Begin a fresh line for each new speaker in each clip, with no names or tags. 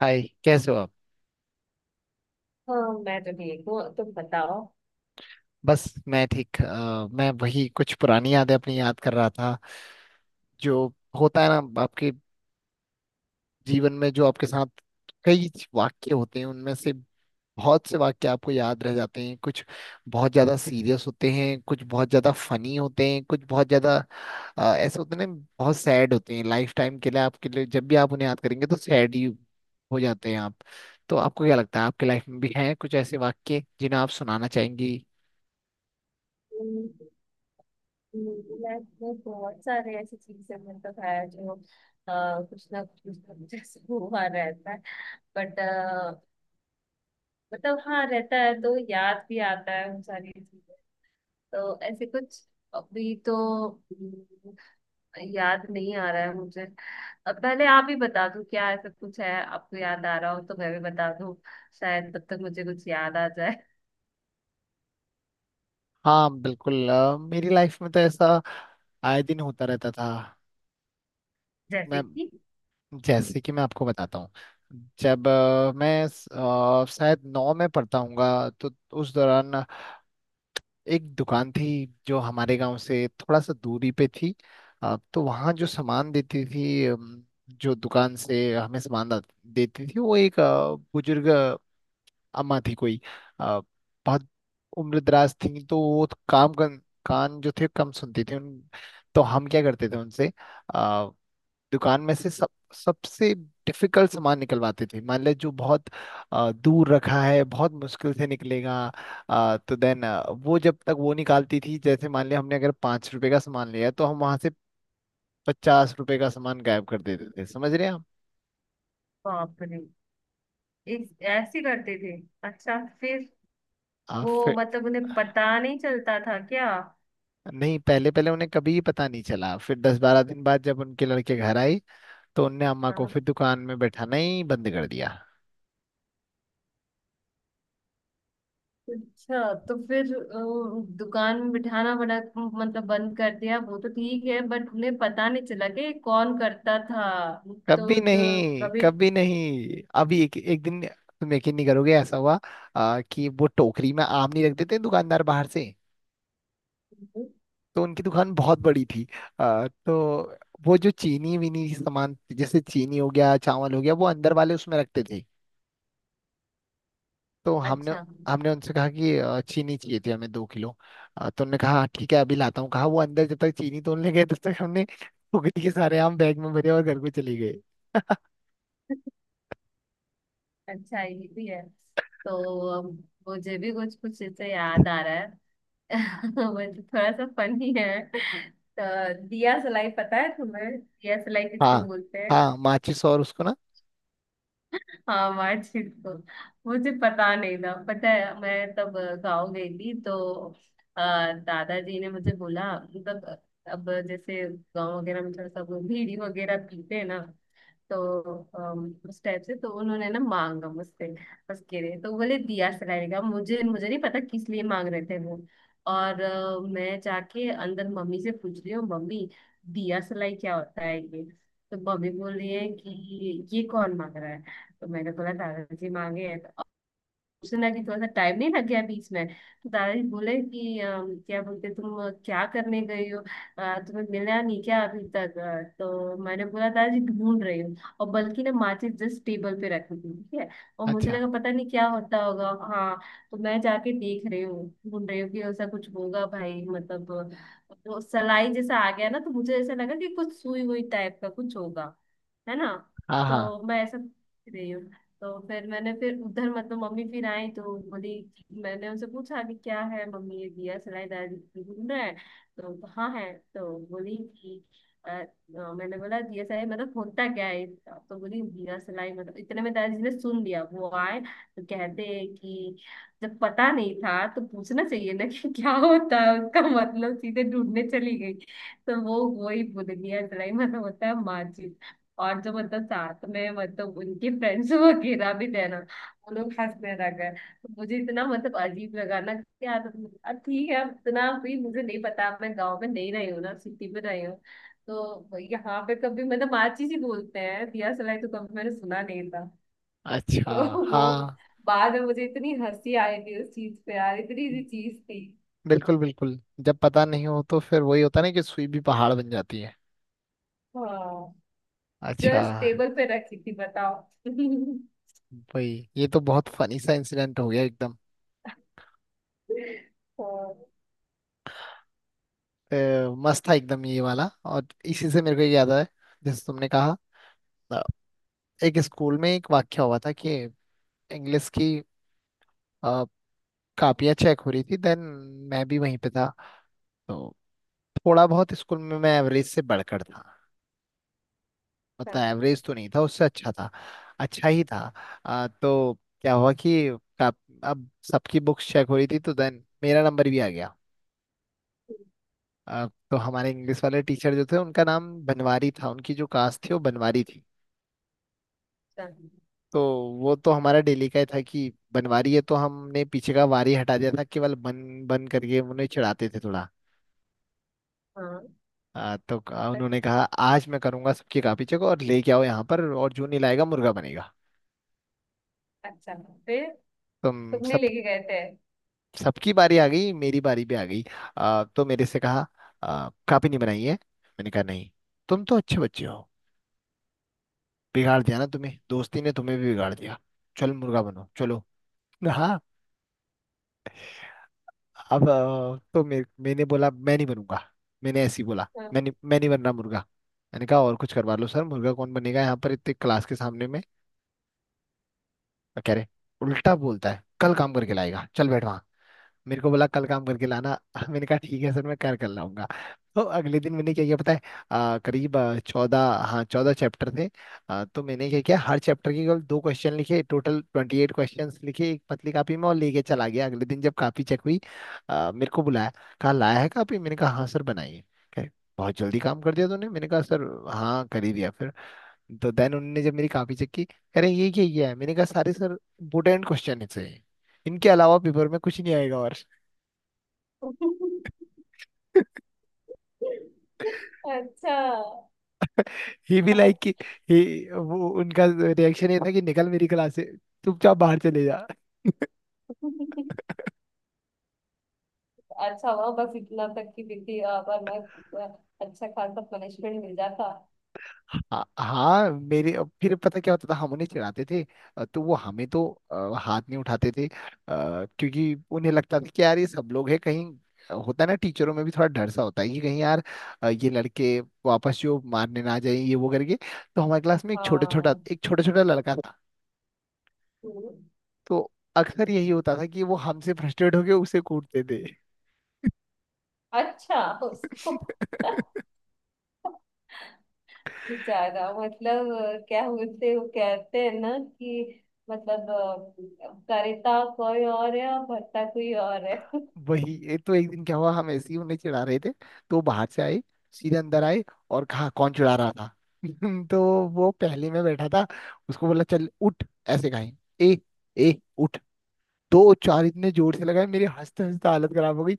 हाय, कैसे हो आप?
हाँ मैं तो ठीक हूँ, तुम बताओ।
बस। मैं ठीक। मैं वही कुछ पुरानी यादें अपनी याद कर रहा था। जो होता है ना आपके जीवन में, जो आपके साथ कई वाक्य होते हैं, उनमें से बहुत से वाक्य आपको याद रह जाते हैं। कुछ बहुत ज्यादा सीरियस होते हैं, कुछ बहुत ज्यादा फनी होते हैं, कुछ बहुत ज्यादा ऐसे होते हैं ना, बहुत सैड होते हैं लाइफ टाइम के लिए आपके लिए। जब भी आप उन्हें याद करेंगे तो सैड ही हो जाते हैं आप। तो आपको क्या लगता है, आपकी लाइफ में भी हैं कुछ ऐसे वाक्य जिन्हें आप सुनाना चाहेंगी?
हम्म, मैं बहुत सारे ऐसी चीजें मतलब है जो अ, कुछ ना कुछ ऐसे हुआ रहता है। बट मतलब हाँ, रहता है तो याद भी आता है उन सारी चीजें। तो ऐसे कुछ अभी तो हम्म, याद नहीं आ रहा है मुझे। अब पहले आप ही बता दो, क्या ऐसा कुछ है आपको याद आ रहा हो तो मैं भी बता दूं, शायद तब तक मुझे कुछ याद आ जाए।
हाँ, बिल्कुल। मेरी लाइफ में तो ऐसा आए दिन होता रहता था।
जैसे
मैं
कि
जैसे कि मैं आपको बताता हूँ। जब मैं शायद नौ में पढ़ता हूँगा, तो उस दौरान एक दुकान थी जो हमारे गांव से थोड़ा सा दूरी पे थी। तो वहाँ जो सामान देती थी, जो दुकान से हमें सामान देती थी, वो एक बुजुर्ग अम्मा थी कोई। अ, बहुत उम्रदराज थी, तो वो तो कान जो थे कम सुनती थी उन। तो हम क्या करते थे उनसे, अ, दुकान में से सब सबसे डिफिकल्ट सामान निकलवाते थे। मान ले जो बहुत दूर रखा है, बहुत मुश्किल से निकलेगा। तो देन वो, जब तक वो निकालती थी, जैसे मान ले हमने अगर 5 रुपए का सामान लिया तो हम वहां से 50 रुपए का सामान गायब कर देते थे। समझ रहे हैं आप?
बाप रे, इस ऐसे करते थे? अच्छा, फिर
आप
वो
फिर।
मतलब उन्हें पता नहीं चलता था क्या?
नहीं, पहले पहले उन्हें कभी ही पता नहीं चला, फिर 10-12 दिन बाद जब उनके लड़के घर आई तो उनने अम्मा को फिर
हाँ।
दुकान में बैठाना ही बंद कर दिया।
अच्छा, तो फिर दुकान में बिठाना बड़ा मतलब बंद कर दिया वो तो ठीक है, बट उन्हें पता नहीं चला कि कौन करता था?
कभी
तो
नहीं,
कभी
कभी नहीं। अभी एक एक दिन तुम यकीन नहीं करोगे ऐसा हुआ। कि वो टोकरी में आम नहीं रख देते हैं दुकानदार बाहर से? तो उनकी दुकान बहुत बड़ी थी। तो वो जो चीनी वीनी की सामान, जैसे चीनी हो गया, चावल हो गया, वो अंदर वाले उसमें रखते थे। तो हमने
अच्छा।
हमने उनसे कहा कि चीनी चाहिए थी हमें 2 किलो। तो उन्होंने कहा "हाँ, ठीक है, अभी लाता हूँ" कहा। वो अंदर जब तक चीनी तोड़ने गए, तब तक हमने फुगड़ी के सारे आम बैग में भरे और घर को चले गए।
अच्छा, ये भी है। तो अम, मुझे भी कुछ कुछ इससे याद आ रहा है। मतलब थोड़ा सा फनी है। तो दिया सलाई पता है तुम्हें, दिया सलाई किसको
हाँ।
बोलते हैं?
हाँ, माचिस। और उसको ना,
हाँ, मार्कशीट को मुझे पता नहीं था। पता है, मैं तब गाँव गई थी तो अ, दादाजी ने मुझे बोला। मतलब अब जैसे गाँव वगैरह में थोड़ा सा वो बीड़ी वगैरह पीते हैं ना, तो उस टाइप से तो उन्होंने ना मांगा मुझसे। उसके लिए तो बोले दिया सलाई का, मुझे मुझे नहीं पता किस लिए मांग रहे थे वो। और मैं जाके अंदर मम्मी से पूछ रही हूँ, मम्मी दिया सलाई क्या होता है ये? तो मम्मी बोल रही है कि ये कौन मांग रहा है? तो मैंने बोला दादाजी मांगे हैं। तो सोचने लगी, थोड़ा सा टाइम नहीं लग गया बीच में, तो दादाजी बोले कि क्या बोलते तुम, क्या करने गई हो? तुम्हें मिला नहीं क्या अभी तक? तो मैंने बोला दादाजी ढूंढ रही हूँ, और बल्कि ना माचिस जस्ट टेबल पे रखी थी, ठीक है। और मुझे
अच्छा।
लगा पता नहीं क्या होता होगा। हाँ। तो मैं जाके देख रही हूँ, ढूंढ रही हूँ कि ऐसा कुछ होगा भाई। मतलब वो सलाई जैसा आ गया ना तो मुझे ऐसा लगा कि कुछ सुई हुई टाइप का कुछ होगा, है ना।
हाँ। हाँ,
तो मैं ऐसा सोच रही हूँ। तो फिर मैंने फिर उधर मतलब मम्मी फिर आई तो बोली, मैंने उनसे पूछा कि क्या है मम्मी ये दिया सलाई दाल ढूंढ रहा है तो हाँ है, तो बोली कि अ, अ, मैंने बोला दिया सलाई मतलब होता क्या है इसका? तो बोली दिया सलाई मतलब, इतने में दादाजी ने सुन लिया, वो आए तो कहते हैं कि जब पता नहीं था तो पूछना चाहिए ना कि क्या होता है उसका मतलब, सीधे ढूंढने चली गई। तो वो वही बोल दिया, सलाई मतलब होता है माचिस। और जो मतलब साथ में मतलब उनके फ्रेंड्स वगैरह भी थे ना, वो लोग हंसने लगे तो मुझे इतना मतलब अजीब लगा ना कि यार ठीक है, अब इतना भी मुझे नहीं पता, मैं गांव में नहीं रही हूँ ना, सिटी में रही हूँ। तो यहाँ पे कभी मतलब माची जी बोलते हैं दिया सलाई तो कभी मैंने सुना नहीं था।
अच्छा।
तो वो
हाँ,
बाद में मुझे इतनी हंसी आई थी उस चीज पे, यार इतनी सी चीज थी।
बिल्कुल बिल्कुल। जब पता नहीं हो तो फिर वही होता ना कि सुई भी पहाड़ बन जाती है।
हाँ,
अच्छा।
जस्ट टेबल पे रखी थी बताओ।
भाई, ये तो बहुत फनी सा इंसिडेंट हो गया एकदम।
हाँ,
अ, मस्त था एकदम ये वाला, और इसी से मेरे को ये याद आया। जैसे तुमने कहा, एक स्कूल में एक वाक्य हुआ था कि इंग्लिश की अ, कापियाँ चेक हो रही थी, देन मैं भी वहीं पे था। तो थोड़ा बहुत स्कूल में मैं एवरेज से बढ़कर था, मतलब एवरेज तो नहीं था, उससे अच्छा था। अच्छा ही था। तो क्या हुआ कि काप, अब सबकी बुक्स चेक हो रही थी, तो देन मेरा नंबर भी आ गया। अ, तो हमारे इंग्लिश वाले टीचर जो थे, उनका नाम बनवारी था, उनकी जो कास्ट थी वो बनवारी थी।
हाँ, हाँ।
तो वो तो हमारा डेली का ही था कि बनवारी है, तो हमने पीछे का वारी हटा दिया था, केवल बन बन करके उन्हें चिढ़ाते थे थोड़ा।
हाँ।
तो
अ-
उन्होंने कहा, आज मैं करूंगा सबकी कॉपी चेक और लेके आओ यहाँ पर, और जो नहीं लाएगा मुर्गा बनेगा।
अच्छा, फिर
तो हम
तुमने
सब
लेके गए थे?
सबकी बारी आ गई, मेरी बारी भी आ गई। तो मेरे से कहा, कॉपी नहीं बनाई है? मैंने कहा नहीं। तुम तो अच्छे बच्चे हो, बिगाड़ दिया ना तुम्हें दोस्ती ने, तुम्हें भी बिगाड़ दिया, चल मुर्गा बनो चलो। "हाँ, अब तो मैंने बोला, मैं नहीं बनूंगा। मैंने ऐसे ही बोला।
हाँ।
मैं नहीं बन रहा मुर्गा। मैंने कहा और कुछ करवा लो सर, मुर्गा कौन बनेगा यहाँ पर इतने क्लास के सामने में। कह रहे, उल्टा बोलता है, कल काम करके लाएगा, चल बैठ वहाँ। मेरे को बोला कल काम करके लाना। मैंने कहा ठीक है सर, मैं कर कर लाऊंगा। तो अगले दिन मैंने क्या किया पता है? करीब 14, हाँ 14 चैप्टर थे। तो मैंने क्या किया, हर चैप्टर के केवल दो क्वेश्चन लिखे, टोटल 28 क्वेश्चन लिखे एक पतली कापी में, और लेके चला गया। अगले दिन जब कापी चेक हुई, मेरे को बुलाया, कहा लाया है कापी? मैंने कहा, हाँ सर, बनाइए। कहे, बहुत जल्दी काम कर दिया तूने। मैंने कहा, सर हाँ, कर ही दिया फिर। तो देन उन्होंने जब मेरी कापी चेक की, कह रहे ये क्या ये है? मैंने कहा, सारे सर इंपोर्टेंट क्वेश्चन है, इनके अलावा पेपर में कुछ नहीं आएगा। और
अच्छा।
ही भी
अच्छा
लाइक कि वो, उनका रिएक्शन ये था कि निकल मेरी क्लास से, चुपचाप बाहर चले जा।
हुआ बस इतना तक की थी, वरना अच्छा खासा पनिशमेंट मिल जाता।
हाँ, हाँ। मेरे अब फिर पता क्या होता था, हम उन्हें चिढ़ाते थे, तो वो हमें तो हाथ नहीं उठाते थे, क्योंकि उन्हें लगता था कि यार ये सब लोग हैं कहीं। होता है ना, टीचरों में भी थोड़ा डर सा होता है कि कहीं यार ये लड़के वापस जो मारने ना जाए ये वो करके। तो हमारे क्लास में एक
हाँ।
छोटा छोटा लड़का था।
हम्म।
तो अक्सर यही होता था कि वो हमसे फ्रस्ट्रेट होके उसे कूटते थे।
अच्छा, उसको बेचारा मतलब क्या बोलते, वो कहते हैं ना कि मतलब करेता कोई और है और भरता कोई और है।
वही, ये तो एक दिन क्या हुआ, हम ऐसे ही उन्हें चिढ़ा रहे थे, तो वो बाहर से आए, सीधे अंदर आए और कहा कौन चिढ़ा रहा था? तो वो पहले में बैठा था, उसको बोला चल उठ, ऐसे कहा ए, ए उठ। दो चार इतने जोर से लगाए, मेरी हंसते हंसते हालत खराब हो गई।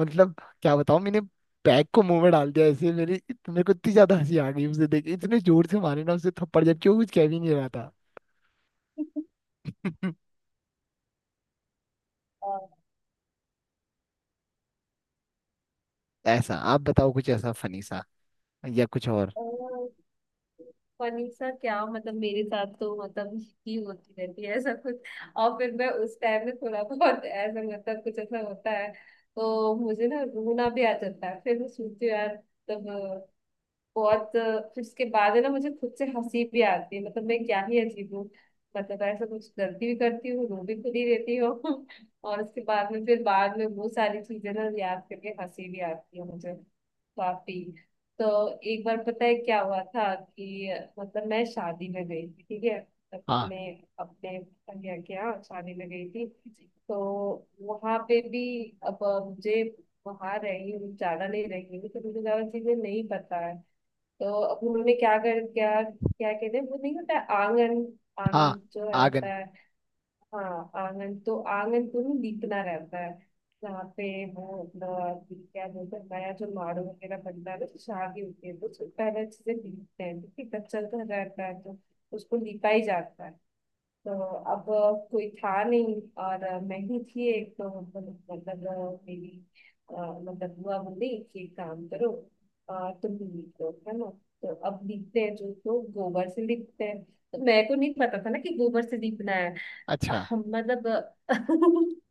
मतलब क्या बताऊं मैंने, बैग को मुंह में डाल दिया ऐसे, मेरी मेरे को इतनी ज्यादा हंसी आ गई उसे देख के। इतने जोर से मारे ना उसे थप्पड़, जबकि वो कुछ कह भी नहीं रहा था। ऐसा आप बताओ कुछ ऐसा फनी सा, या कुछ और।
अ, फनीसा क्या मतलब, मेरे साथ तो मतलब ही होती रहती है ऐसा कुछ। और फिर मैं उस टाइम में थोड़ा बहुत ऐसा मतलब कुछ ऐसा होता है तो मुझे ना रोना भी आ जाता है, फिर मैं सोचती हूँ यार तब बहुत, फिर उसके बाद है ना मुझे खुद से हंसी भी आती है मतलब मैं क्या ही अजीब हूँ। मतलब ऐसा कुछ गलती भी करती हूँ, रो भी खुद ही देती हूँ। और उसके बाद में फिर बाद में वो सारी चीजें ना याद करके हंसी भी आती है मुझे काफी। तो एक बार पता है क्या हुआ था कि मतलब मैं शादी में गई थी, ठीक है।
हाँ।
अपने अपने भैया के यहाँ शादी में गई थी। तो वहां पे भी अब मुझे वहां रही हूँ, ज्यादा नहीं रही हूँ तो मुझे ज्यादा चीजें नहीं पता है। तो अब उन्होंने क्या कर, क्या क्या कहते हैं वो नहीं होता है आंगन,
हाँ,
आंगन जो है
आगन।
होता है। हाँ, आंगन। तो आंगन को ही लीपना रहता है, जहाँ पे वो अपना क्या बोलते हैं नया जो माड़ू वगैरह बनता है ना, तो शादी होती है तो उसको पहले अच्छे से लीपते हैं क्योंकि कच्चा तो रहता है, तो उसको लीपा ही जाता है। तो अब कोई था नहीं और मैं ही थी एक। तो मतलब मेरी मतलब बुआ बोली कि एक काम करो, तुम लीप लो है ना। तो अब लीपते हैं जो तो गोबर से लीपते हैं, तो मेरे को नहीं पता था ना कि गोबर से लीपना है।
अच्छा।
हम मतलब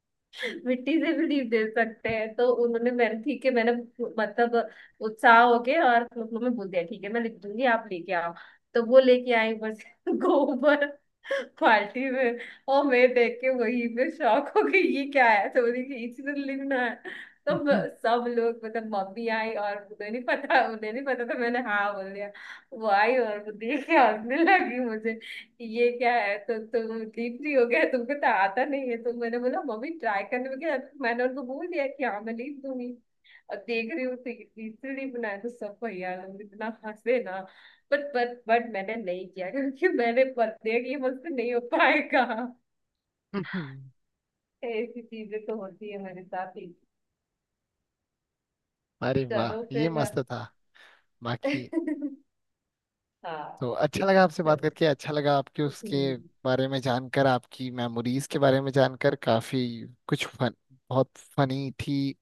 मिट्टी से भी लीप दे सकते हैं। तो उन्होंने मैंने ठीक है, मैंने मतलब उत्साह हो के और मम्मी में बोल दिया ठीक है मैं लिख दूंगी आप लेके आओ। तो वो लेके आई बस गोबर बाल्टी में। और मैं देख के वही पे शौक हो गई ये क्या है? तो बोली कि इसी तरह लिखना है। तो सब लोग मतलब मम्मी आई और उन्हें नहीं पता, उन्हें नहीं पता था मैंने हाँ बोल दिया। वो आई और वो देख के हंसने लगी, मुझे ये क्या है तो तुम डीपली हो गया तुमको तो आता नहीं है। तो मैंने बोला मम्मी ट्राई करने में क्या, तो मैंने उनको बोल दिया कि हाँ मैं लिख दूंगी। और देख रही हूँ तो इतनी बनाया तो सब भैया लोग इतना हंसे ना। बट मैंने नहीं किया, क्योंकि मैंने पता है कि ये मुझसे नहीं हो पाएगा। ऐसी चीजें तो होती है मेरे साथ ही।
अरे वाह,
चलो
ये
फिर।
मस्त था। बाकी,
हाँ,
तो अच्छा लगा आपसे बात
चल।
करके, अच्छा लगा आपके
हम्म,
उसके बारे में जानकर, आपकी मेमोरीज के बारे में जानकर। काफी कुछ फन बहुत फनी थी,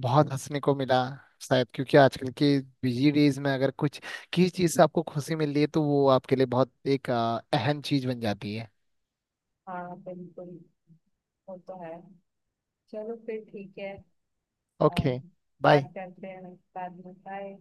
बहुत हंसने को मिला। शायद क्योंकि आजकल के बिजी डेज में अगर कुछ, किसी चीज से आपको खुशी मिल रही है, तो वो आपके लिए बहुत एक अहम चीज बन जाती है।
हाँ बिल्कुल, वो तो है। चलो फिर, ठीक है। अम,
ओके। बाय।
बात करते हैं बाद में, बाय।